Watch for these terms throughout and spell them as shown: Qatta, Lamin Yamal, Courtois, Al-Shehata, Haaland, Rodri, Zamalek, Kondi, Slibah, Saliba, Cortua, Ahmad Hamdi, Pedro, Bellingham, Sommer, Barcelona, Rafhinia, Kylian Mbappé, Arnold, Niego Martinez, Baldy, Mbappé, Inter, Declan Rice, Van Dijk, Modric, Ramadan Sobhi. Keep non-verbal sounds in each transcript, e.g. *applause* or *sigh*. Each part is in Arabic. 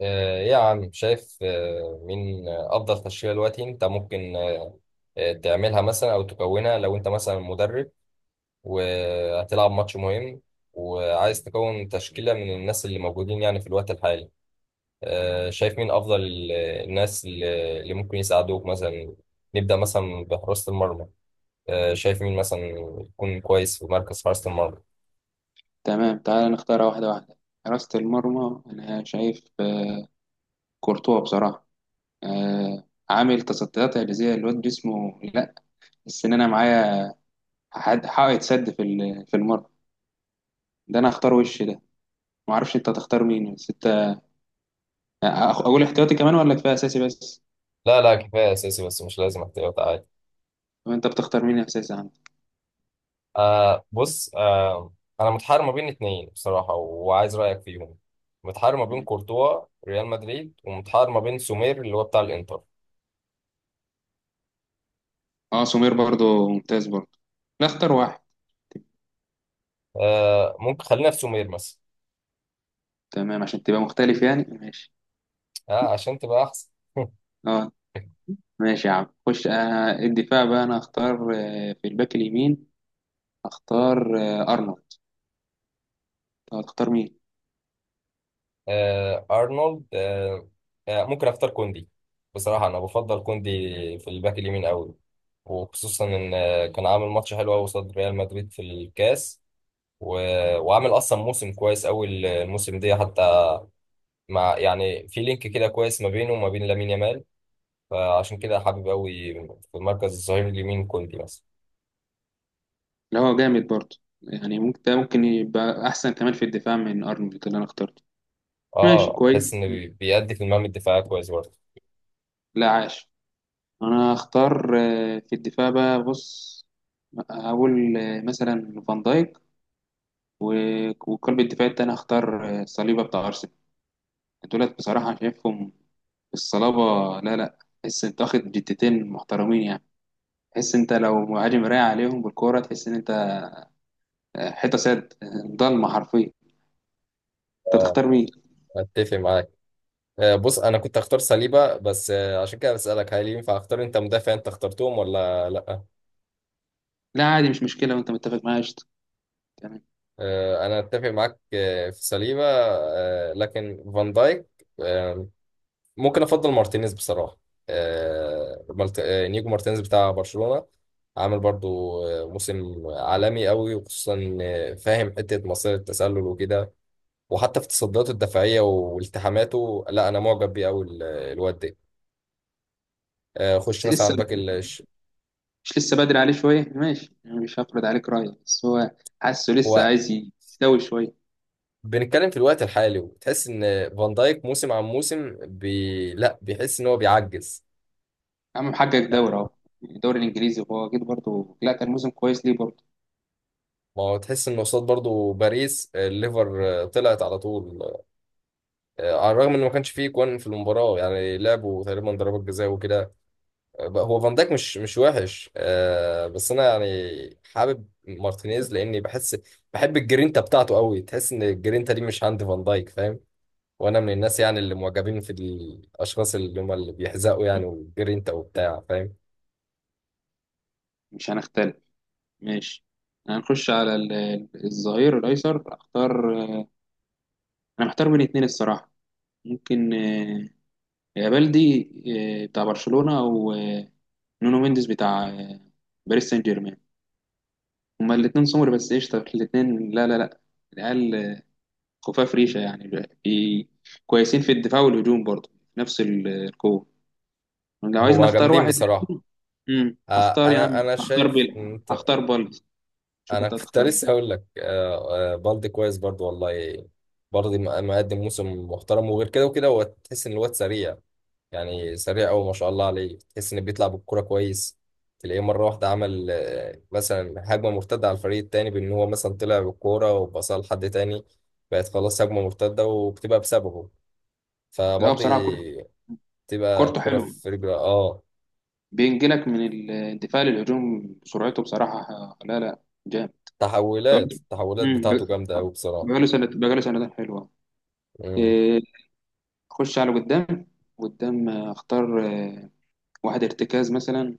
يا عم شايف مين أفضل تشكيلة دلوقتي أنت ممكن تعملها مثلا أو تكونها لو أنت مثلا مدرب وهتلعب ماتش مهم وعايز تكون تشكيلة من الناس اللي موجودين يعني في الوقت الحالي. شايف مين أفضل الناس اللي ممكن يساعدوك مثلا؟ نبدأ مثلا بحراسة المرمى. شايف مين مثلا يكون كويس في مركز حراسة المرمى؟ تمام، تعال نختارها واحدة واحدة. حراسة المرمى أنا شايف كورتوا بصراحة. آه عامل تصديات إعجازية. الواد جسمه، لا، السنانة معايا. حد حائط سد في المرمى. ده أنا هختار وش ده. معرفش أنت هتختار مين، بس أنت أقول احتياطي كمان ولا كفاية أساسي بس؟ لا لا، كفاية أساسي بس، مش لازم احتياط، عادي. طب أنت بتختار مين أساسي عندك؟ بص، انا متحير ما بين اتنين بصراحه وعايز رايك فيهم. متحير ما بين ماشي. كورتوا ريال مدريد ومتحير ما بين سومير اللي هو بتاع الانتر. أه، سمير برضو ممتاز برضو. لا، اختار واحد. آه، ممكن خلينا في سومير مثلا. تمام، عشان تبقى مختلف يعني، ماشي. آه، عشان تبقى احسن. *laughs* أه. ماشي يا عم، خش. الدفاع بقى أنا هختار في الباك اليمين. اختار ارنولد. طب هتختار مين؟ آه ارنولد، ممكن اختار كوندي. بصراحه انا بفضل كوندي في الباك اليمين قوي، وخصوصا ان كان عامل ماتش حلو قوي قصاد ريال مدريد في الكاس، و... وعامل اصلا موسم كويس قوي الموسم ده حتى، مع يعني في لينك كده كويس ما بينه وما بين لامين يامال. فعشان كده حابب قوي في مركز الظهير اليمين كوندي مثلا. اللي هو جامد برضه، يعني ممكن ده ممكن يبقى احسن كمان في الدفاع من ارنولد اللي انا اخترته. ماشي، اه، تحس كويس. انه بيأدي في المهام الدفاعيه كويس برضه. لا، عاش. انا هختار في الدفاع بقى. بص، هقول مثلا فان دايك، وقلب الدفاع التاني هختار صليبة بتاع ارسنال. دولت بصراحة شايفهم الصلابة. لا لا، تحس انت واخد جتتين محترمين يعني. تحس انت لو مهاجم رايح عليهم بالكورة، تحس ان انت حيطة سد، ضلمة حرفيا. انت اه تختار مين؟ اتفق معاك. بص، انا كنت هختار سليبة بس، عشان كده بسألك هل ينفع اختار انت مدافع انت اخترتهم ولا لا؟ لا عادي، مش مشكلة، وانت متفق معايا، قشطة. تمام. انا اتفق معاك في سليبة، لكن فان دايك، آه، ممكن افضل مارتينيز بصراحه. آه مالت... آه نيجو مارتينيز بتاع برشلونه، عامل برضو موسم عالمي قوي، وخصوصا إن فاهم حته مصير التسلل وكده، وحتى في تصدياته الدفاعيه والتحاماته. لا انا معجب بيه قوي الواد ده. آه خش بس مثلا على لسه، الباك الش... مش لسه بدري عليه شوية؟ ماشي يعني، مش هفرض عليك رأيي، بس هو حاسه لسه هو عايز يستوي شوية. بنتكلم في الوقت الحالي وتحس ان فان دايك موسم عن موسم لا بيحس ان هو بيعجز يا عم محقق يعني. دوري اهو، يعني الدوري الإنجليزي، وهو أكيد برضه، لا، كان موسم كويس ليه برضه. ما هو تحس ان قصاد برضو باريس، الليفر طلعت على طول، على الرغم ان ما كانش فيه جوان في المباراه، يعني لعبوا تقريبا ضربات جزاء وكده. هو فان دايك مش وحش، بس انا يعني حابب مارتينيز لاني بحس، بحب الجرينتا بتاعته قوي. تحس ان الجرينتا دي مش عند فان دايك، فاهم؟ وانا من الناس يعني اللي معجبين في الاشخاص اللي هم اللي بيحزقوا يعني والجرينتا وبتاع، فاهم؟ مش هنختلف، ماشي. هنخش على الظهير الأيسر. أختار، أنا محتار بين اتنين الصراحة. ممكن يا بلدي بتاع برشلونة، أو نونو مينديز بتاع باريس سان جيرمان. هما الاتنين سمر بس قشطة الاتنين. لا لا لا، العيال خفاف ريشة يعني، كويسين في الدفاع والهجوم برضه، نفس القوة. لو عايز هو نختار جامدين واحد، بصراحه. آه، هختار يا انا عم، انا هختار شايف ان بيلعب، انت، هختار بالدي. شوف انا انت كنت هتختار مين. لسه هقول لك بالدي كويس برضو والله. برضه مقدم موسم محترم، وغير كده وكده هو تحس ان الواد سريع، يعني سريع قوي ما شاء الله عليه. تحس انه بيطلع بالكرة كويس، تلاقيه مرة واحدة عمل مثلا هجمة مرتدة على الفريق التاني، بان هو مثلا طلع بالكورة وباصها لحد تاني، بقت خلاص هجمة مرتدة وبتبقى بسببه. لا هو بصراحة فبالدي بتبقى كورته كرة حلوة، في رجله، اه. بينجلك من الدفاع للهجوم بسرعته، بصراحة لا لا جامد. تحولات بقاله- التحولات امم بتاعته ب- جامدة قوي بصراحة. بقاله سنة، بقاله سنتين حلوة. مم. إيه، اخش على قدام. قدام اختار واحد ارتكاز مثلا.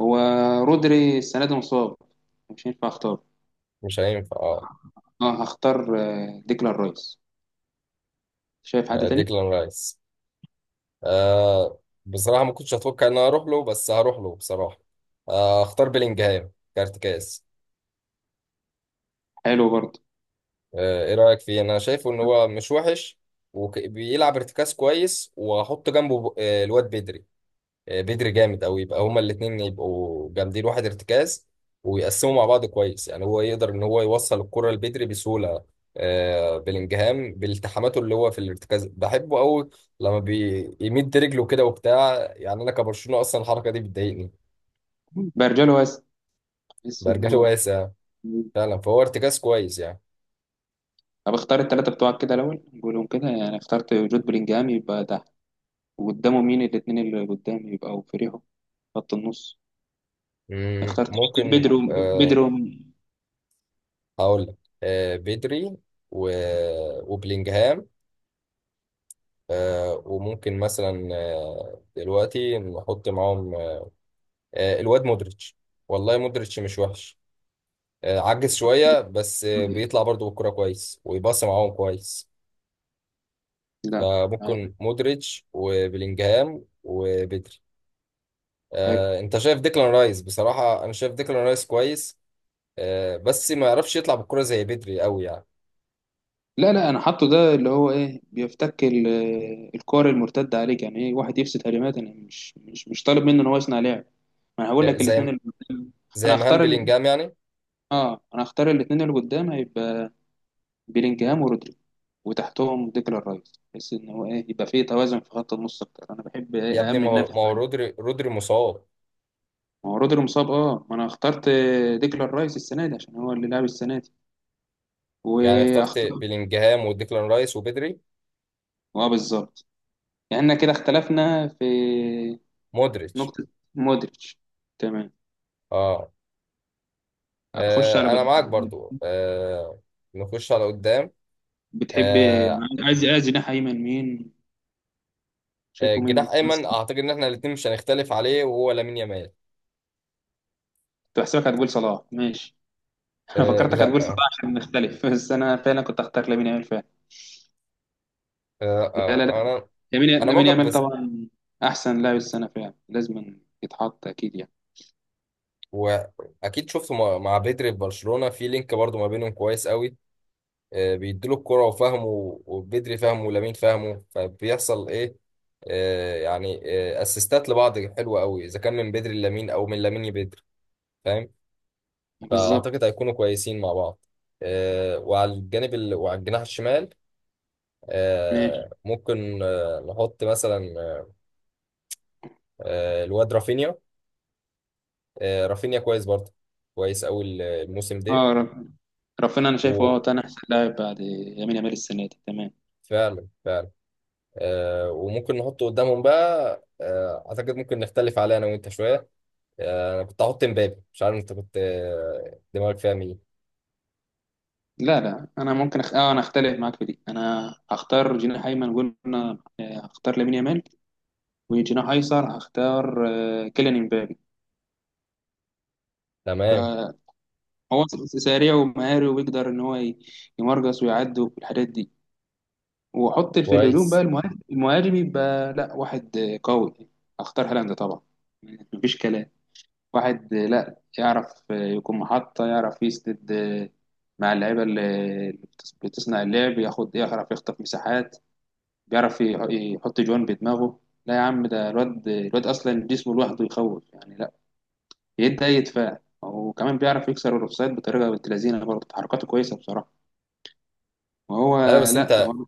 هو رودري السنة دي مصاب، مش هينفع اختار. مش هينفع اه. اه، هختار ديكلان رايس. شايف حد تاني؟ ديكلان رايس. آه، بصراحة ما كنتش أتوقع إن أنا أروح له، بس هروح له بصراحة. آه أختار بيلينجهام كارتكاز. حلو برضه. آه، إيه رأيك فيه؟ أنا شايفه إن هو مش وحش وبيلعب ارتكاز كويس، وأحط جنبه الواد بدري. آه بدري جامد أوي، يبقى هما الاتنين يبقوا جامدين واحد ارتكاز، ويقسموا مع بعض كويس يعني. هو يقدر إن هو يوصل الكرة لبدري بسهولة. آه بيلينجهام بالتحاماته اللي هو في الارتكاز بحبه أوي، لما بيمد رجله كده وبتاع. يعني أنا كبرشلونة أصلا الحركة دي بتضايقني. برجلو بس، بحس ان برجل هو، واسع فعلا، فهو ارتكاز كويس يعني. طب اختار التلاتة بتوعك كده الاول، نقولهم كده يعني. اخترت جود بلينجهام، يبقى ده، وقدامه مين الاتنين اللي قدام يبقى فريقهم، خط النص. مم، اخترت ممكن بيدرو أه. بيدرو هقول لك، أه بدري و... وبلينجهام، أه وممكن مثلا أه دلوقتي نحط معاهم أه الواد مودريتش. والله مودريتش مش وحش، أه عجز شوية بس بيطلع برضو بالكرة كويس، ويباصي معاهم كويس. لا آه، فممكن مودريتش وبلينجهام وبدري. حلو. أه انت شايف ديكلان رايس؟ بصراحة انا شايف ديكلان رايس كويس، بس ما يعرفش يطلع بالكرة زي بدري قوي يعني. لا لا، انا حاطه ده اللي هو ايه، بيفتك الكور المرتده عليك، يعني ايه واحد يفسد هجمات. انا مش طالب منه ان هو يصنع لعب. ما انا هقول آه، لك الاثنين زي اللي قدام. انا زي مهام هختار ال... بلينجهام يعني. اه، انا هختار الاثنين اللي قدام، هيبقى بيلينجهام ورودري، وتحتهم ديكلان رايس، بحيث ان هو ايه يبقى فيه توازن في خط النص اكتر. انا بحب يا ايه، ابني اهم ما النفس. هو ما هو ما رودري مصاب. هو رودري مصاب. اه، ما انا اخترت ديكلان رايس السنه دي عشان هو اللي لعب السنه دي، يعني اخترت واختار، بلينجهام وديكلان رايس وبدري. اه بالظبط. يعني احنا كده اختلفنا في مودريتش نقطة، مودريتش. تمام. اه. أخش على انا معاك برضو. آه نخش على قدام. بتحب، آه عايز، عايز جناح أيمن مين؟ شايفه مين جناح كويس ايمن كده؟ اعتقد ان احنا الاثنين مش هنختلف عليه، وهو لامين يامال. كنت بحسبك هتقول صلاح، ماشي. *laughs* أنا آه فكرتك لا هتقول آه صلاح عشان نختلف، بس أنا فعلا كنت أختار لامين يامال فعلا. لا لا آه لا، انا لامين، انا لامين معجب يامال بس. طبعا. أحسن لاعب السنة فعلا، لازم يتحط أكيد يعني. واكيد شفته مع بدري في برشلونة، في لينك برضو ما بينهم كويس قوي. بيديله الكرة وفهمه، وبدري فهمه ولامين فهمه، فبيحصل ايه آه، يعني اسيستات لبعض حلوة قوي، اذا كان من بدري لامين او من لامين لبدري، فاهم؟ بالظبط، فاعتقد هيكونوا كويسين مع بعض. وعلى الجناح الشمال ماشي. ممكن نحط مثلا الواد رافينيا. آه، رافينيا كويس برضه، كويس قوي الموسم ده. أه رب- ربنا أنا شايفه أه تاني أحسن لاعب بعد لامين يامال السنة دي، تمام. وفعلا فعلا. وممكن نحطه قدامهم بقى. اعتقد ممكن نختلف عليه انا وانت شوية. انا كنت هحط مبابي، مش عارف انت كنت دماغك فيها مين. لا لا انا ممكن أخ... اه، انا اختلف معاك في دي. انا هختار جناح ايمن، قلنا هختار لامين يامال، وجناح ايسر هختار كيليان امبابي تمام، بقى. هو سريع ومهاري، وبيقدر ان هو يمرقص ويعدي والحاجات دي. واحط في الهجوم بقى كويس. المهاجم، المهاجم يبقى لا واحد قوي. هختار هالاند طبعا، مفيش كلام. واحد لا يعرف يكون محطة، يعرف يسند مع اللعيبة اللي بتصنع اللعب. ياخد، يعرف يخطف مساحات، بيعرف يحط جوان بدماغه. لا يا عم، ده الواد، الواد اصلا جسمه لوحده يخوف يعني. لا يدي اي دفاع، وكمان بيعرف يكسر الاوفسايد بطريقه بنت لذينه، برضه حركاته كويسه بصراحه. وهو ايوه بس لا هو انت ما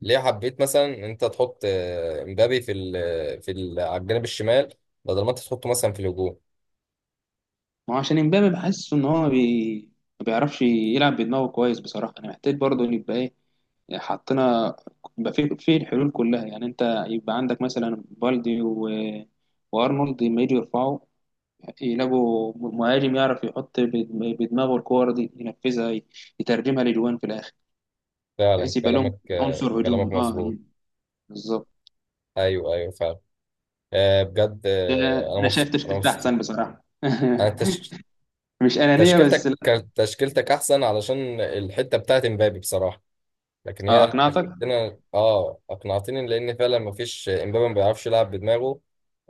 ليه حبيت مثلا ان انت تحط مبابي في ال في ال على الجانب الشمال، بدل ما انت تحطه مثلا في الهجوم؟ هو عشان امبابي بحس ان هو ما بيعرفش يلعب بدماغه كويس بصراحه. انا محتاج برضه ان يبقى ايه، حطينا، يبقى في الحلول كلها يعني. انت يبقى عندك مثلا بالدي وارنولد، لما يجي يرفعوا يلاقوا مهاجم يعرف يحط بدماغه الكور دي، ينفذها، يترجمها لجوان في الاخر، فعلا بحيث يبقى لهم كلامك عنصر كلامك هجوم اه مظبوط. يعني. بالظبط. ايوه ايوه فعلا. بجد ده انا انا شايف مبسوط، انا تشكيلتها مبسوط. احسن بصراحه. انا *laughs* تش... مش انانيه بس، تشكيلتك لا. كانت، تشكيلتك احسن، علشان الحته بتاعت مبابي بصراحه. لكن هي اقنعتك. تشكيلتنا اه اقنعتني، لان فعلا مفيش، امبابي ما بيعرفش يلعب بدماغه.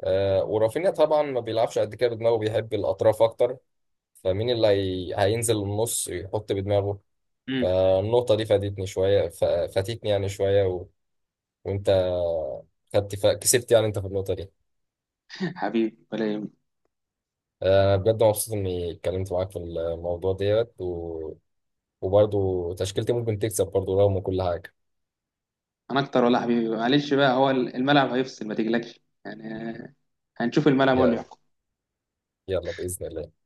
آه ورافينيا طبعا ما بيلعبش قد كده بدماغه، بيحب الاطراف اكتر. هينزل النص يحط بدماغه؟ مم. فالنقطه دي فادتني شويه ف... فاتتني يعني شويه، وانت كسبت يعني انت في النقطه دي. حبيبي، ولا يهمك. آه بجد مبسوط اني اتكلمت معاك في الموضوع ديت، وبرضه تشكيلتي ممكن تكسب برضه رغم كل حاجه. انا اكتر، ولا حبيبي، معلش بقى، هو الملعب هيفصل، ما تقلقش، يعني هنشوف، الملعب هو يا- اللي يلا باذن الله.